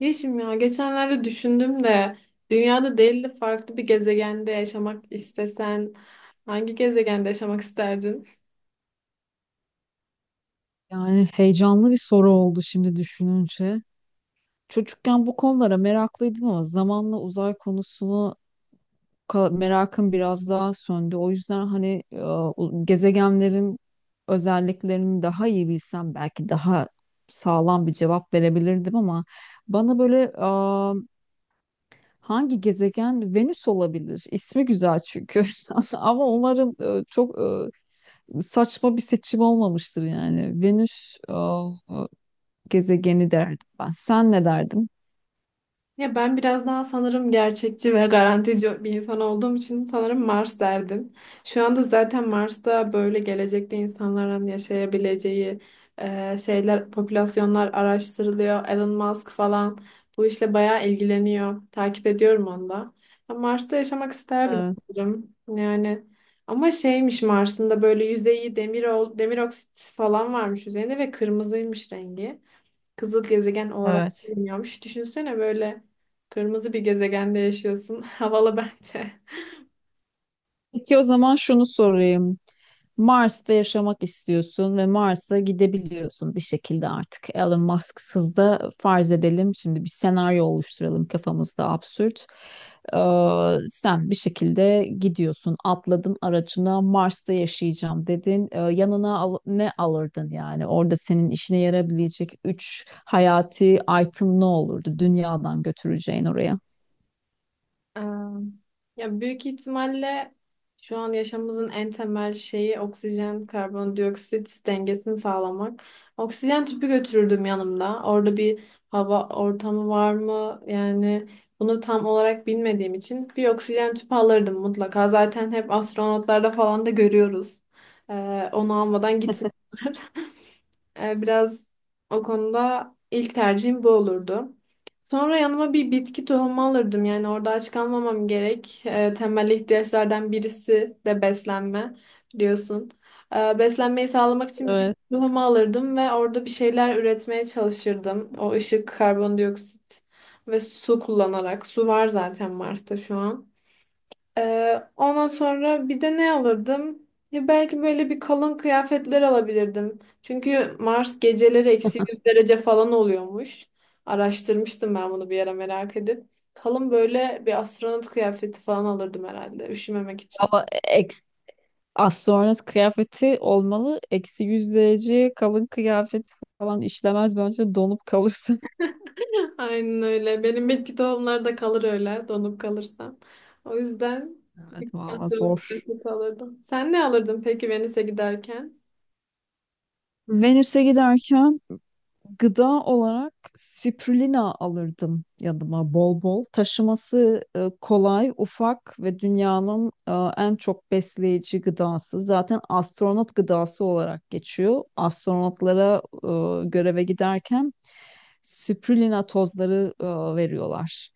Yeşim ya geçenlerde düşündüm de dünyada değil de farklı bir gezegende yaşamak istesen hangi gezegende yaşamak isterdin? Yani heyecanlı bir soru oldu şimdi düşününce. Çocukken bu konulara meraklıydım ama zamanla uzay konusunu merakım biraz daha söndü. O yüzden hani gezegenlerin özelliklerini daha iyi bilsem belki daha sağlam bir cevap verebilirdim ama bana böyle hangi gezegen Venüs olabilir? İsmi güzel çünkü. Ama umarım çok saçma bir seçim olmamıştır yani. Venüs e, gezegeni derdim ben. Sen ne derdin? Ya ben biraz daha sanırım gerçekçi ve garantici bir insan olduğum için sanırım Mars derdim. Şu anda zaten Mars'ta böyle gelecekte insanların yaşayabileceği şeyler, popülasyonlar araştırılıyor. Elon Musk falan bu işle bayağı ilgileniyor. Takip ediyorum onu da. Ya Mars'ta yaşamak isterdim Evet, sanırım. Yani ama şeymiş Mars'ın da böyle yüzeyi demir, demir oksit falan varmış üzerinde ve kırmızıymış rengi. Kızıl gezegen olarak evet. bilmiyormuş. Düşünsene böyle kırmızı bir gezegende yaşıyorsun. Havalı bence. Peki o zaman şunu sorayım. Mars'ta yaşamak istiyorsun ve Mars'a gidebiliyorsun bir şekilde artık. Elon Musk'sız da farz edelim. Şimdi bir senaryo oluşturalım kafamızda absürt. Ee, Sen bir şekilde gidiyorsun, atladın aracına Mars'ta yaşayacağım dedin. Yanına ne alırdın yani? Orada senin işine yarayabilecek üç hayati item ne olurdu dünyadan götüreceğin oraya? Ee, Ya büyük ihtimalle şu an yaşamımızın en temel şeyi oksijen karbondioksit dengesini sağlamak. Oksijen tüpü götürürdüm yanımda. Orada bir hava ortamı var mı? Yani bunu tam olarak bilmediğim için bir oksijen tüpü alırdım mutlaka. Zaten hep astronotlarda falan da görüyoruz. Onu almadan gitsinler. Biraz o konuda ilk tercihim bu olurdu. Sonra yanıma bir bitki tohumu alırdım. Yani orada aç kalmamam gerek. Temel ihtiyaçlardan birisi de beslenme biliyorsun. Beslenmeyi sağlamak için bir bitki Evet. tohumu alırdım ve orada bir şeyler üretmeye çalışırdım. O ışık, karbondioksit ve su kullanarak. Su var zaten Mars'ta şu an. Ondan sonra bir de ne alırdım? Ya belki böyle bir kalın kıyafetler alabilirdim. Çünkü Mars geceleri eksi 100 derece falan oluyormuş. Araştırmıştım ben bunu bir yere merak edip. Kalın böyle bir astronot kıyafeti falan alırdım herhalde üşümemek için. Ama eks, Astronot kıyafeti olmalı. Eksi yüz derece kalın kıyafet falan işlemez. Bence donup kalırsın. Aynen öyle. Benim bitki tohumları da kalır öyle donup kalırsam. O yüzden Evet bir valla zor. astronot kıyafeti alırdım. Sen ne alırdın peki Venüs'e giderken? Venüs'e giderken gıda olarak spirulina alırdım yanıma bol bol. Taşıması kolay, ufak ve dünyanın en çok besleyici gıdası. Zaten astronot gıdası olarak geçiyor. Astronotlara göreve giderken spirulina tozları veriyorlar.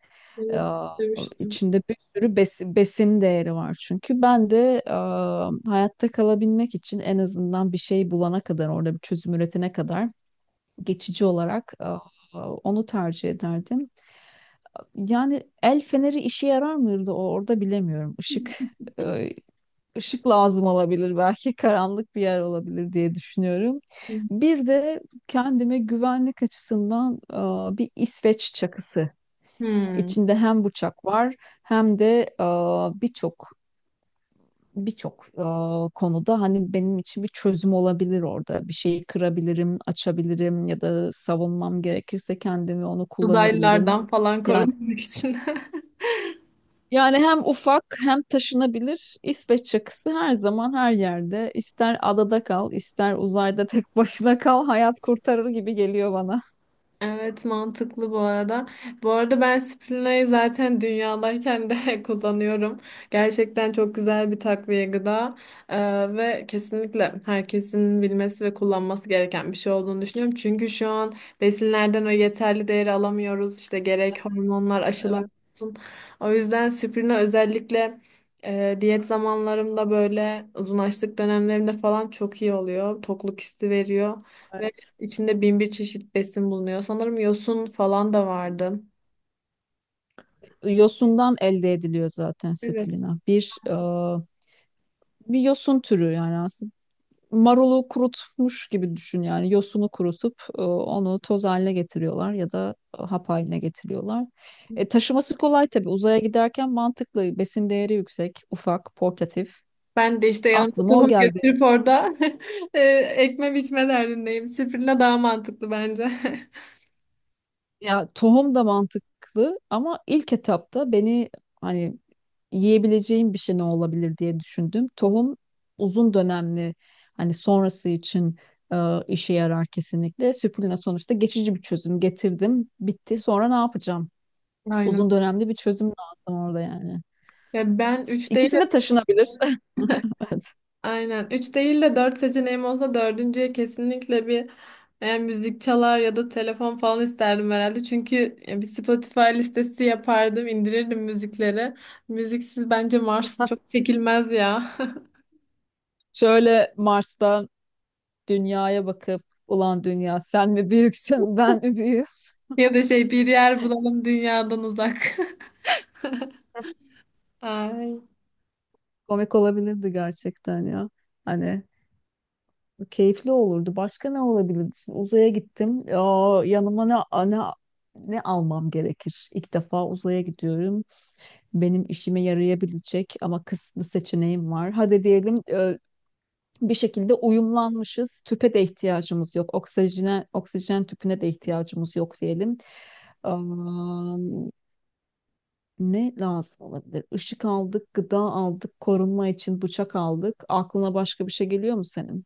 E, Evet, demiştim. içinde bir sürü besin değeri var çünkü. Ben de hayatta kalabilmek için en azından bir şey bulana kadar, orada bir çözüm üretene kadar geçici olarak onu tercih ederdim. Yani el feneri işe yarar mıydı orada bilemiyorum. Işık e, ışık lazım olabilir belki karanlık bir yer olabilir diye düşünüyorum. Bir de kendime güvenlik açısından bir İsveç çakısı. Hmm. İçinde hem bıçak var hem de birçok birçok konuda hani benim için bir çözüm olabilir orada. Bir şeyi kırabilirim, açabilirim ya da savunmam gerekirse kendimi onu kullanabilirim. Uzaylılardan falan Yani korunmak için. yani hem ufak hem taşınabilir İsveç çakısı her zaman her yerde. İster adada kal, ister uzayda tek başına kal, hayat kurtarır gibi geliyor bana. Evet, mantıklı bu arada. Bu arada ben Sprina'yı zaten dünyadayken de kullanıyorum. Gerçekten çok güzel bir takviye gıda. Ee, Ve kesinlikle herkesin bilmesi ve kullanması gereken bir şey olduğunu düşünüyorum. Çünkü şu an besinlerden o yeterli değeri alamıyoruz. İşte gerek hormonlar, aşılar Evet, olsun. O yüzden Sprina özellikle diyet zamanlarımda böyle uzun açlık dönemlerimde falan çok iyi oluyor. Tokluk hissi veriyor. evet. İçinde bin bir çeşit besin bulunuyor. Sanırım yosun falan da vardı. Yosundan elde ediliyor zaten Evet. spirulina. Bir bir yosun türü yani aslında marulu kurutmuş gibi düşün yani yosunu kurutup onu toz haline getiriyorlar ya da hap haline getiriyorlar. Taşıması kolay tabii uzaya giderken mantıklı, besin değeri yüksek, ufak, portatif, Ben de işte yanımda aklıma o tohum geldi. götürüp orada e, ekme biçme derdindeyim. Spirulina daha mantıklı bence. Ya tohum da mantıklı ama ilk etapta beni hani yiyebileceğim bir şey ne olabilir diye düşündüm. Tohum uzun dönemli, hani sonrası için e, işe yarar kesinlikle. Süpürüne sonuçta geçici bir çözüm getirdim. Bitti. Sonra ne yapacağım? Aynen. Uzun dönemli bir çözüm lazım orada yani. Ya ben 3 değil, İkisi de taşınabilir. Evet. aynen 3 değil de 4 seçeneğim olsa dördüncüye kesinlikle bir müzik çalar ya da telefon falan isterdim herhalde. Çünkü bir Spotify listesi yapardım, indirirdim müzikleri. Müziksiz bence Mars çok çekilmez ya. Şöyle Mars'ta dünyaya bakıp ulan dünya sen mi büyüksün ben mi büyüğüm? Ya da şey, bir yer bulalım dünyadan uzak. Ay. Komik olabilirdi gerçekten ya. Hani keyifli olurdu. Başka ne olabilirdi? Şimdi uzaya gittim. Aa, yanıma ne, ne almam gerekir? İlk defa uzaya gidiyorum. Benim işime yarayabilecek ama kısıtlı seçeneğim var. Hadi diyelim bir şekilde uyumlanmışız. Tüpe de ihtiyacımız yok. Oksijene, oksijen tüpüne de ihtiyacımız yok diyelim. Aa, ne lazım olabilir? Işık aldık, gıda aldık, korunma için bıçak aldık. Aklına başka bir şey geliyor mu senin?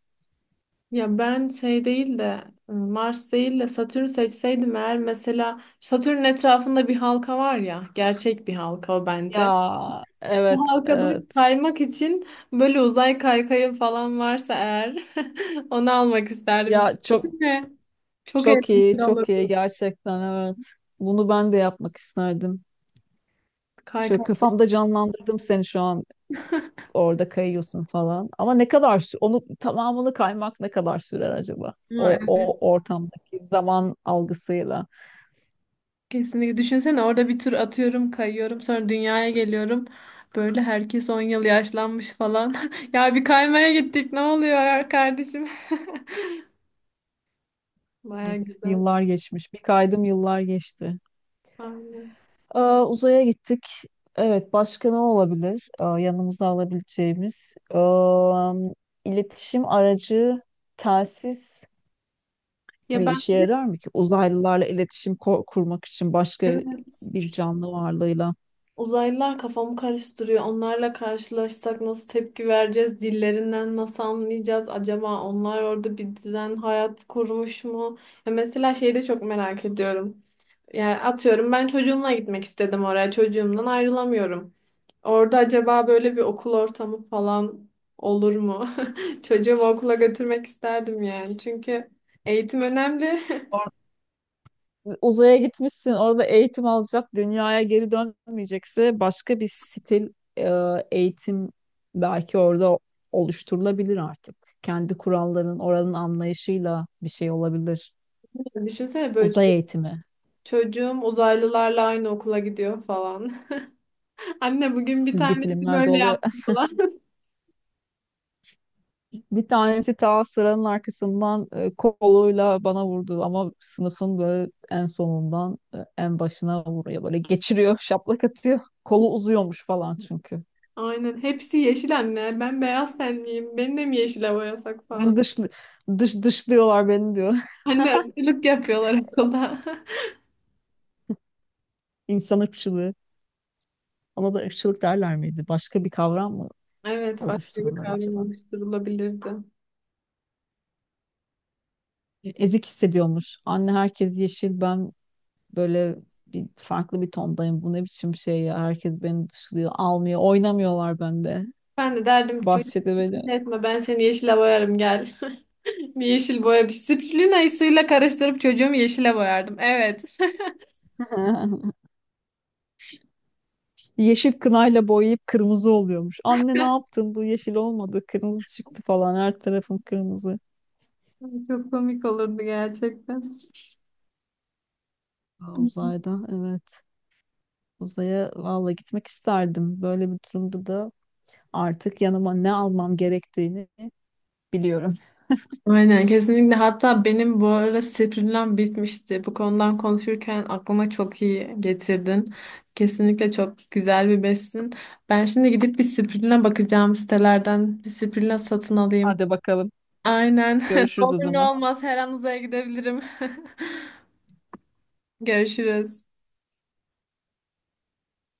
Ya ben şey değil de, Mars değil de Satürn seçseydim eğer, mesela Satürn'ün etrafında bir halka var ya, gerçek bir halka o bence. Ya Bu evet, halkada evet. kaymak için böyle uzay kaykayı falan varsa eğer onu almak isterdim. Ya çok, Değil mi? Çok çok iyi, eğlenceli çok olurdu iyi gerçekten, evet. Bunu ben de yapmak isterdim. Şöyle kaykay. kafamda canlandırdım seni şu an. Orada kayıyorsun falan. Ama ne kadar onu tamamını kaymak ne kadar sürer acaba? O ortamdaki zaman algısıyla. Kesinlikle. Düşünsene orada bir tur atıyorum, kayıyorum, sonra dünyaya geliyorum. Böyle herkes 10 yıl yaşlanmış falan. Ya bir kaymaya gittik. Ne oluyor ya kardeşim? Baya Üf, güzel. yıllar geçmiş. Bir kaydım yıllar geçti. Aynen. Aa, uzaya gittik. Evet, başka ne olabilir? Aa, yanımıza alabileceğimiz, aa, iletişim aracı, telsiz Ya bir ben işe yarar mı ki? Uzaylılarla iletişim kurmak için başka evet bir canlı varlığıyla. uzaylılar kafamı karıştırıyor. Onlarla karşılaşsak nasıl tepki vereceğiz? Dillerinden nasıl anlayacağız? Acaba onlar orada bir düzen, hayat kurmuş mu? Ya mesela şeyi de çok merak ediyorum. Yani atıyorum ben çocuğumla gitmek istedim oraya. Çocuğumdan ayrılamıyorum. Orada acaba böyle bir okul ortamı falan olur mu? Çocuğumu okula götürmek isterdim yani. Çünkü eğitim önemli. Uzaya gitmişsin, orada eğitim alacak, dünyaya geri dönmeyecekse başka bir stil e, eğitim belki orada oluşturulabilir artık. Kendi kuralların, oranın anlayışıyla bir şey olabilir. Düşünsene böyle Uzay eğitimi. çocuğum uzaylılarla aynı okula gidiyor falan. Anne bugün bir Çizgi tanesi filmlerde böyle oluyor. yaptı falan. Bir tanesi ta sıranın arkasından koluyla bana vurdu ama sınıfın böyle en sonundan en başına vuruyor. Böyle geçiriyor, şaplak atıyor. Kolu uzuyormuş falan çünkü. Aynen. Hepsi yeşil anne. Ben beyaz tenliyim. Beni de mi yeşile boyasak falan. Ben dışlı, dışlıyorlar beni diyor. Anne, ırkçılık yapıyorlar okulda. İnsan ırkçılığı. Ona da ırkçılık derler miydi? Başka bir kavram mı Evet, başka bir oluştururlar kavram acaba? oluşturulabilirdi. Ezik hissediyormuş. Anne herkes yeşil, ben böyle bir farklı bir tondayım. Bu ne biçim şey ya? Herkes beni dışlıyor, almıyor, oynamıyorlar bende. Ben de derdim ki çocuk Bahçede böyle etme, ben seni yeşile boyarım gel. Bir yeşil boya, bir spirulina'yı suyla karıştırıp çocuğumu yeşile boyardım. Evet. yeşil kınayla boyayıp kırmızı oluyormuş. Anne ne yaptın? Bu yeşil olmadı. Kırmızı çıktı falan. Her tarafım kırmızı. Çok komik olurdu gerçekten. Aa, uzayda evet. Uzaya valla gitmek isterdim. Böyle bir durumda da artık yanıma ne almam gerektiğini biliyorum. Aynen, kesinlikle. Hatta benim bu ara spirulinam bitmişti. Bu konudan konuşurken aklıma çok iyi getirdin. Kesinlikle çok güzel bir besin. Ben şimdi gidip bir spirulina bakacağım sitelerden. Bir spirulina satın alayım. Hadi bakalım. Aynen. Ne Görüşürüz o olur ne zaman. olmaz her an uzaya gidebilirim. Görüşürüz.